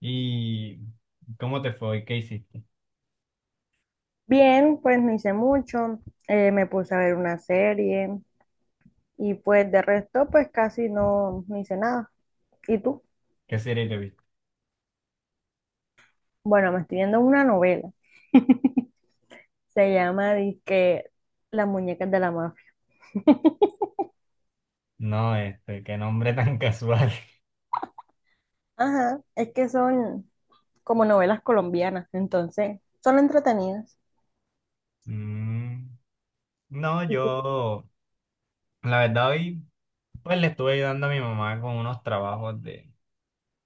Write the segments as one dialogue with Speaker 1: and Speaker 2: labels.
Speaker 1: ¿Y cómo te fue? ¿Qué hiciste?
Speaker 2: Bien, pues no hice mucho, me puse a ver una serie y pues de resto pues casi no hice nada. ¿Y tú?
Speaker 1: ¿Qué serie te viste?
Speaker 2: Bueno, me estoy viendo una novela, se llama que Las muñecas de la mafia.
Speaker 1: No, este, qué nombre tan casual.
Speaker 2: Ajá, es que son como novelas colombianas, entonces son entretenidas.
Speaker 1: Mm, no, yo, la verdad, hoy pues le estuve ayudando a mi mamá con unos trabajos de,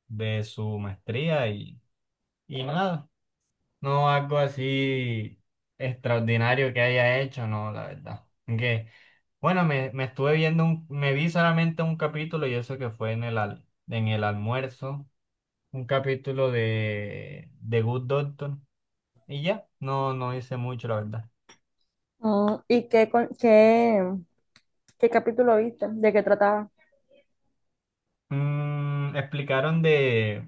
Speaker 1: de su maestría y nada, no algo así extraordinario que haya hecho, no, la verdad. Aunque, bueno, me estuve viendo, me vi solamente un capítulo y eso que fue en en el almuerzo. Un capítulo de Good Doctor y ya, no, no hice mucho, la verdad.
Speaker 2: Mm, ¿y qué, qué, qué capítulo viste? ¿De qué trataba?
Speaker 1: Mm, explicaron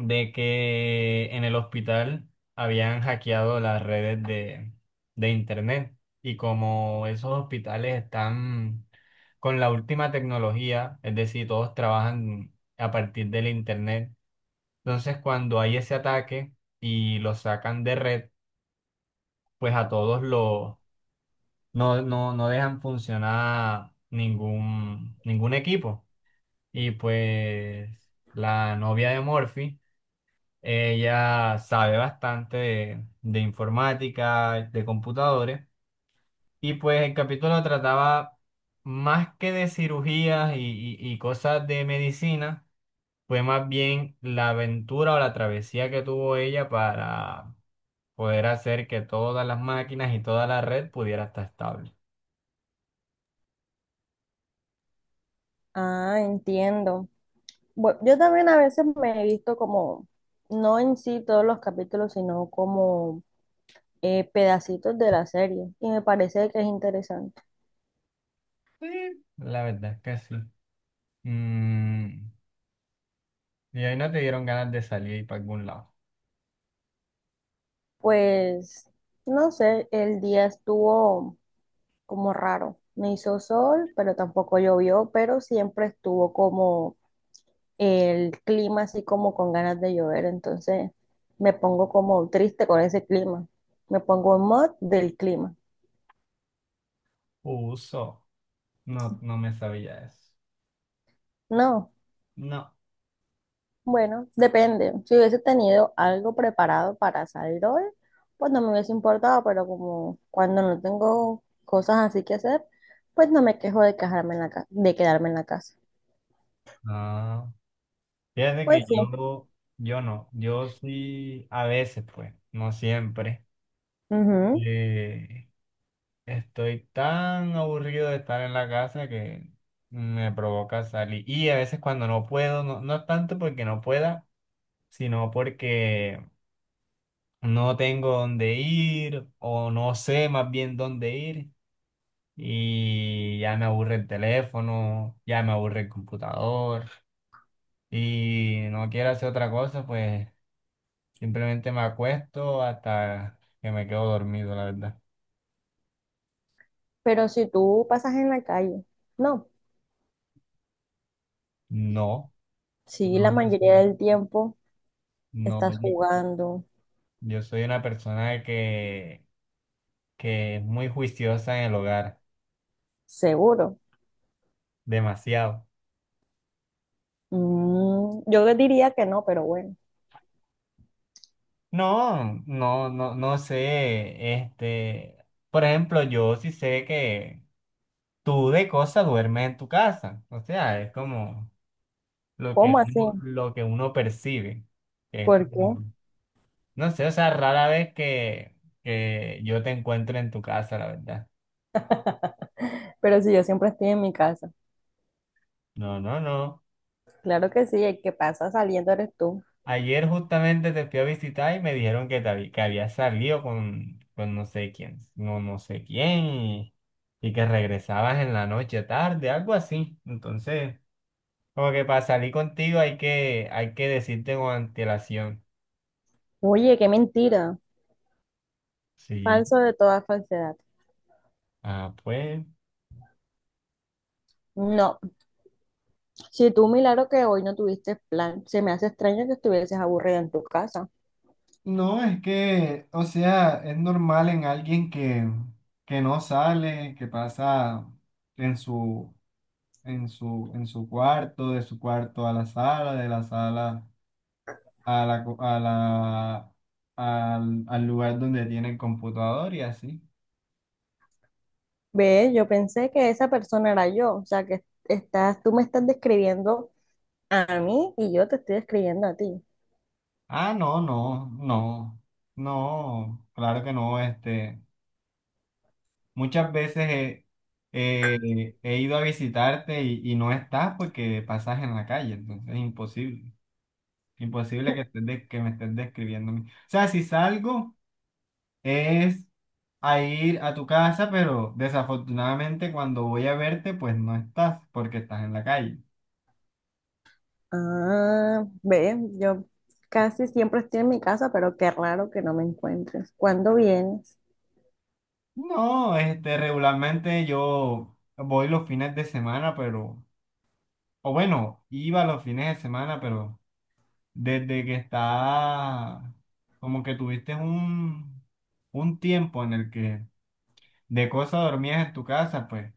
Speaker 1: de que en el hospital habían hackeado las redes de internet, y como esos hospitales están con la última tecnología, es decir, todos trabajan a partir del internet. Entonces, cuando hay ese ataque y los sacan de red, pues a todos los no, no, no dejan funcionar ningún equipo. Y pues la novia de Morphy, ella sabe bastante de informática, de computadores, y pues el capítulo trataba más que de cirugías y cosas de medicina. Fue más bien la aventura o la travesía que tuvo ella para poder hacer que todas las máquinas y toda la red pudiera estar estable.
Speaker 2: Ah, entiendo. Bueno, yo también a veces me he visto como, no en sí todos los capítulos, sino como pedacitos de la serie y me parece que es interesante.
Speaker 1: Sí, la verdad es que sí. Mm, ¿y ahí no te dieron ganas de salir y para algún lado?
Speaker 2: Pues, no sé, el día estuvo como raro. No hizo sol, pero tampoco llovió, pero siempre estuvo como el clima así como con ganas de llover. Entonces me pongo como triste con ese clima. Me pongo en mod del clima.
Speaker 1: Uso. No, no me sabía eso.
Speaker 2: No.
Speaker 1: No.
Speaker 2: Bueno, depende. Si hubiese tenido algo preparado para salir hoy, pues no me hubiese importado, pero como cuando no tengo cosas así que hacer, pues no me quejo de quejarme en de quedarme en la casa.
Speaker 1: Ah, fíjate
Speaker 2: Pues
Speaker 1: que
Speaker 2: sí.
Speaker 1: yo no, yo sí, a veces pues, no siempre.
Speaker 2: Ujú.
Speaker 1: Eh, Estoy tan aburrido de estar en la casa que me provoca salir. Y a veces cuando no puedo, no, no es tanto porque no pueda, sino porque no tengo dónde ir o no sé más bien dónde ir. Y ya me aburre el teléfono, ya me aburre el computador y no quiero hacer otra cosa, pues simplemente me acuesto hasta que me quedo dormido, la verdad.
Speaker 2: Pero si tú pasas en la calle, no.
Speaker 1: No,
Speaker 2: Si
Speaker 1: no,
Speaker 2: la
Speaker 1: yo
Speaker 2: mayoría
Speaker 1: soy,
Speaker 2: del tiempo
Speaker 1: no,
Speaker 2: estás
Speaker 1: yo,
Speaker 2: jugando,
Speaker 1: yo soy una persona que es muy juiciosa en el hogar,
Speaker 2: seguro.
Speaker 1: demasiado.
Speaker 2: Mm, yo diría que no, pero bueno.
Speaker 1: No, no, no, no sé, este, por ejemplo, yo sí sé que tú de cosa duermes en tu casa, o sea, es como
Speaker 2: ¿Cómo así?
Speaker 1: lo que uno percibe. Que es
Speaker 2: ¿Por qué?
Speaker 1: como, no sé, o sea, rara vez que yo te encuentre en tu casa, la verdad.
Speaker 2: Pero si yo siempre estoy en mi casa.
Speaker 1: No, no, no.
Speaker 2: Claro que sí, el que pasa saliendo eres tú.
Speaker 1: Ayer justamente te fui a visitar y me dijeron que, que habías salido con no sé quién, no, no sé quién, y que regresabas en la noche tarde, algo así. Entonces, como que para salir contigo hay que decirte con antelación.
Speaker 2: Oye, qué mentira.
Speaker 1: Sí.
Speaker 2: Falso de toda falsedad.
Speaker 1: Ah, pues.
Speaker 2: No, si tú milagro que hoy no tuviste plan, se me hace extraño que estuvieses aburrida en tu casa.
Speaker 1: No, es que, o sea, es normal en alguien que no sale, que pasa en su, en su cuarto, de su cuarto a la sala, de la sala a a al, al lugar donde tiene el computador y así.
Speaker 2: Ve, yo pensé que esa persona era yo, o sea que estás, tú me estás describiendo a mí y yo te estoy describiendo a ti.
Speaker 1: Ah, no, no, no, no, claro que no, este, muchas veces he, he ido a visitarte y no estás porque pasas en la calle, entonces es imposible. Imposible que, que me estés describiendo a mí. O sea, si salgo es a ir a tu casa, pero desafortunadamente cuando voy a verte, pues no estás porque estás en la calle.
Speaker 2: Ah, ve, yo casi siempre estoy en mi casa, pero qué raro que no me encuentres. ¿Cuándo vienes?
Speaker 1: No, este, regularmente yo voy los fines de semana, pero, o bueno, iba los fines de semana, pero desde que está, como que tuviste un tiempo en el que de cosa dormías en tu casa, pues,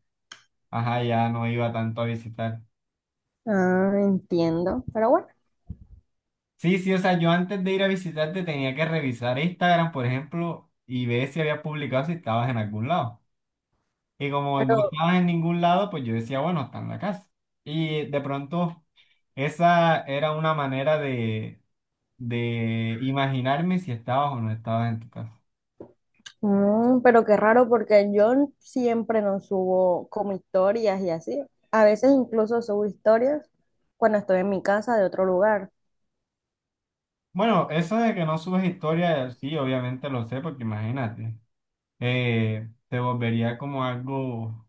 Speaker 1: ajá, ya no iba tanto a visitar.
Speaker 2: Ah, entiendo, pero bueno.
Speaker 1: Sí, sí, o sea, yo antes de ir a visitarte tenía que revisar Instagram, por ejemplo, y ver si habías publicado si estabas en algún lado. Y como no
Speaker 2: Pero
Speaker 1: estabas en ningún lado, pues yo decía, bueno, está en la casa. Y de pronto, esa era una manera de imaginarme si estabas o no estabas en tu casa.
Speaker 2: mm, pero qué raro porque yo siempre no subo como historias y así. A veces incluso subo historias cuando estoy en mi casa de otro lugar.
Speaker 1: Bueno, eso de que no subes historia, sí, obviamente lo sé, porque imagínate, te volvería como algo,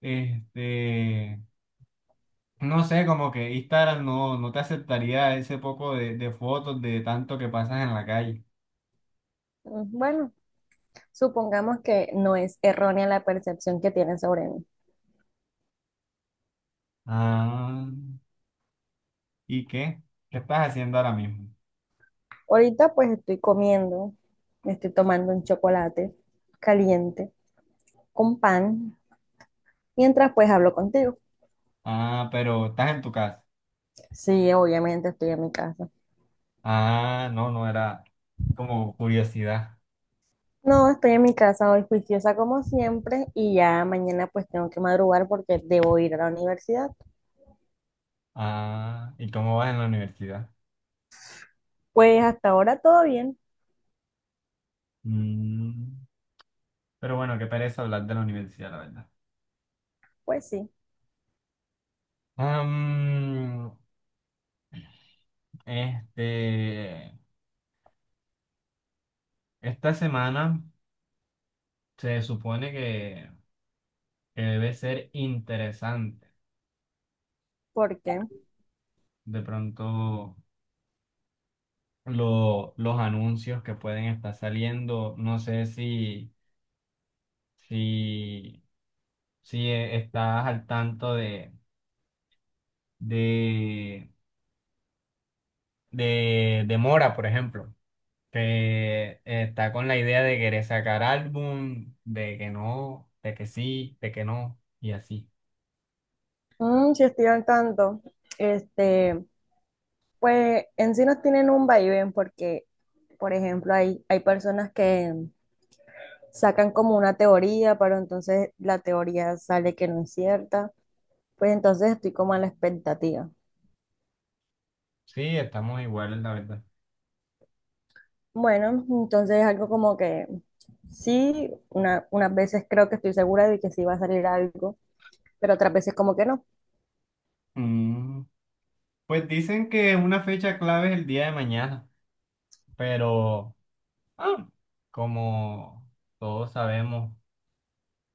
Speaker 1: este, no sé, como que Instagram no, no te aceptaría ese poco de fotos de tanto que pasas en la calle.
Speaker 2: Mm, bueno, supongamos que no es errónea la percepción que tienen sobre mí.
Speaker 1: Ah, ¿y qué? ¿Qué estás haciendo ahora mismo?
Speaker 2: Ahorita pues estoy comiendo, me estoy tomando un chocolate caliente con pan, mientras pues hablo contigo.
Speaker 1: Ah, pero estás en tu casa.
Speaker 2: Sí, obviamente estoy en mi casa.
Speaker 1: Ah, no, no era como curiosidad.
Speaker 2: No, estoy en mi casa hoy juiciosa como siempre y ya mañana pues tengo que madrugar porque debo ir a la universidad.
Speaker 1: Ah, ¿y cómo vas en la universidad?
Speaker 2: Pues hasta ahora todo bien,
Speaker 1: Mm, pero bueno, qué pereza hablar de la universidad, la verdad.
Speaker 2: pues sí,
Speaker 1: Am, este, esta semana se supone que debe ser interesante
Speaker 2: porque
Speaker 1: de pronto los anuncios que pueden estar saliendo. No sé si, si, si estás al tanto de, de Mora, por ejemplo, que está con la idea de querer sacar álbum, de que no, de que sí, de que no, y así.
Speaker 2: si estoy al tanto, este, pues en sí nos tienen un vaivén porque, por ejemplo, hay personas que sacan como una teoría, pero entonces la teoría sale que no es cierta, pues entonces estoy como a la expectativa.
Speaker 1: Sí, estamos iguales, la verdad.
Speaker 2: Bueno, entonces algo como que sí, unas veces creo que estoy segura de que sí va a salir algo, pero otras veces como que no.
Speaker 1: Mm, pues dicen que una fecha clave es el día de mañana, pero... Ah, como todos sabemos,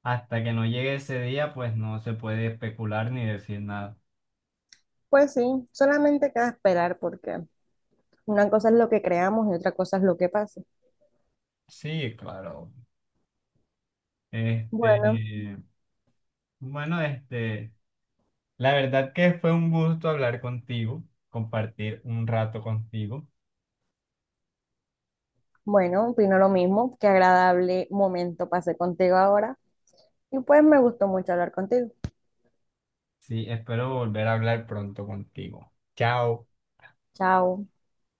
Speaker 1: hasta que no llegue ese día, pues no se puede especular ni decir nada.
Speaker 2: Pues sí, solamente queda esperar porque una cosa es lo que creamos y otra cosa es lo que pasa.
Speaker 1: Sí, claro. Este,
Speaker 2: Bueno,
Speaker 1: bueno, este, la verdad que fue un gusto hablar contigo, compartir un rato contigo.
Speaker 2: bueno, opino lo mismo. Qué agradable momento pasé contigo ahora y pues me gustó mucho hablar contigo.
Speaker 1: Sí, espero volver a hablar pronto contigo. Chao.
Speaker 2: Chao.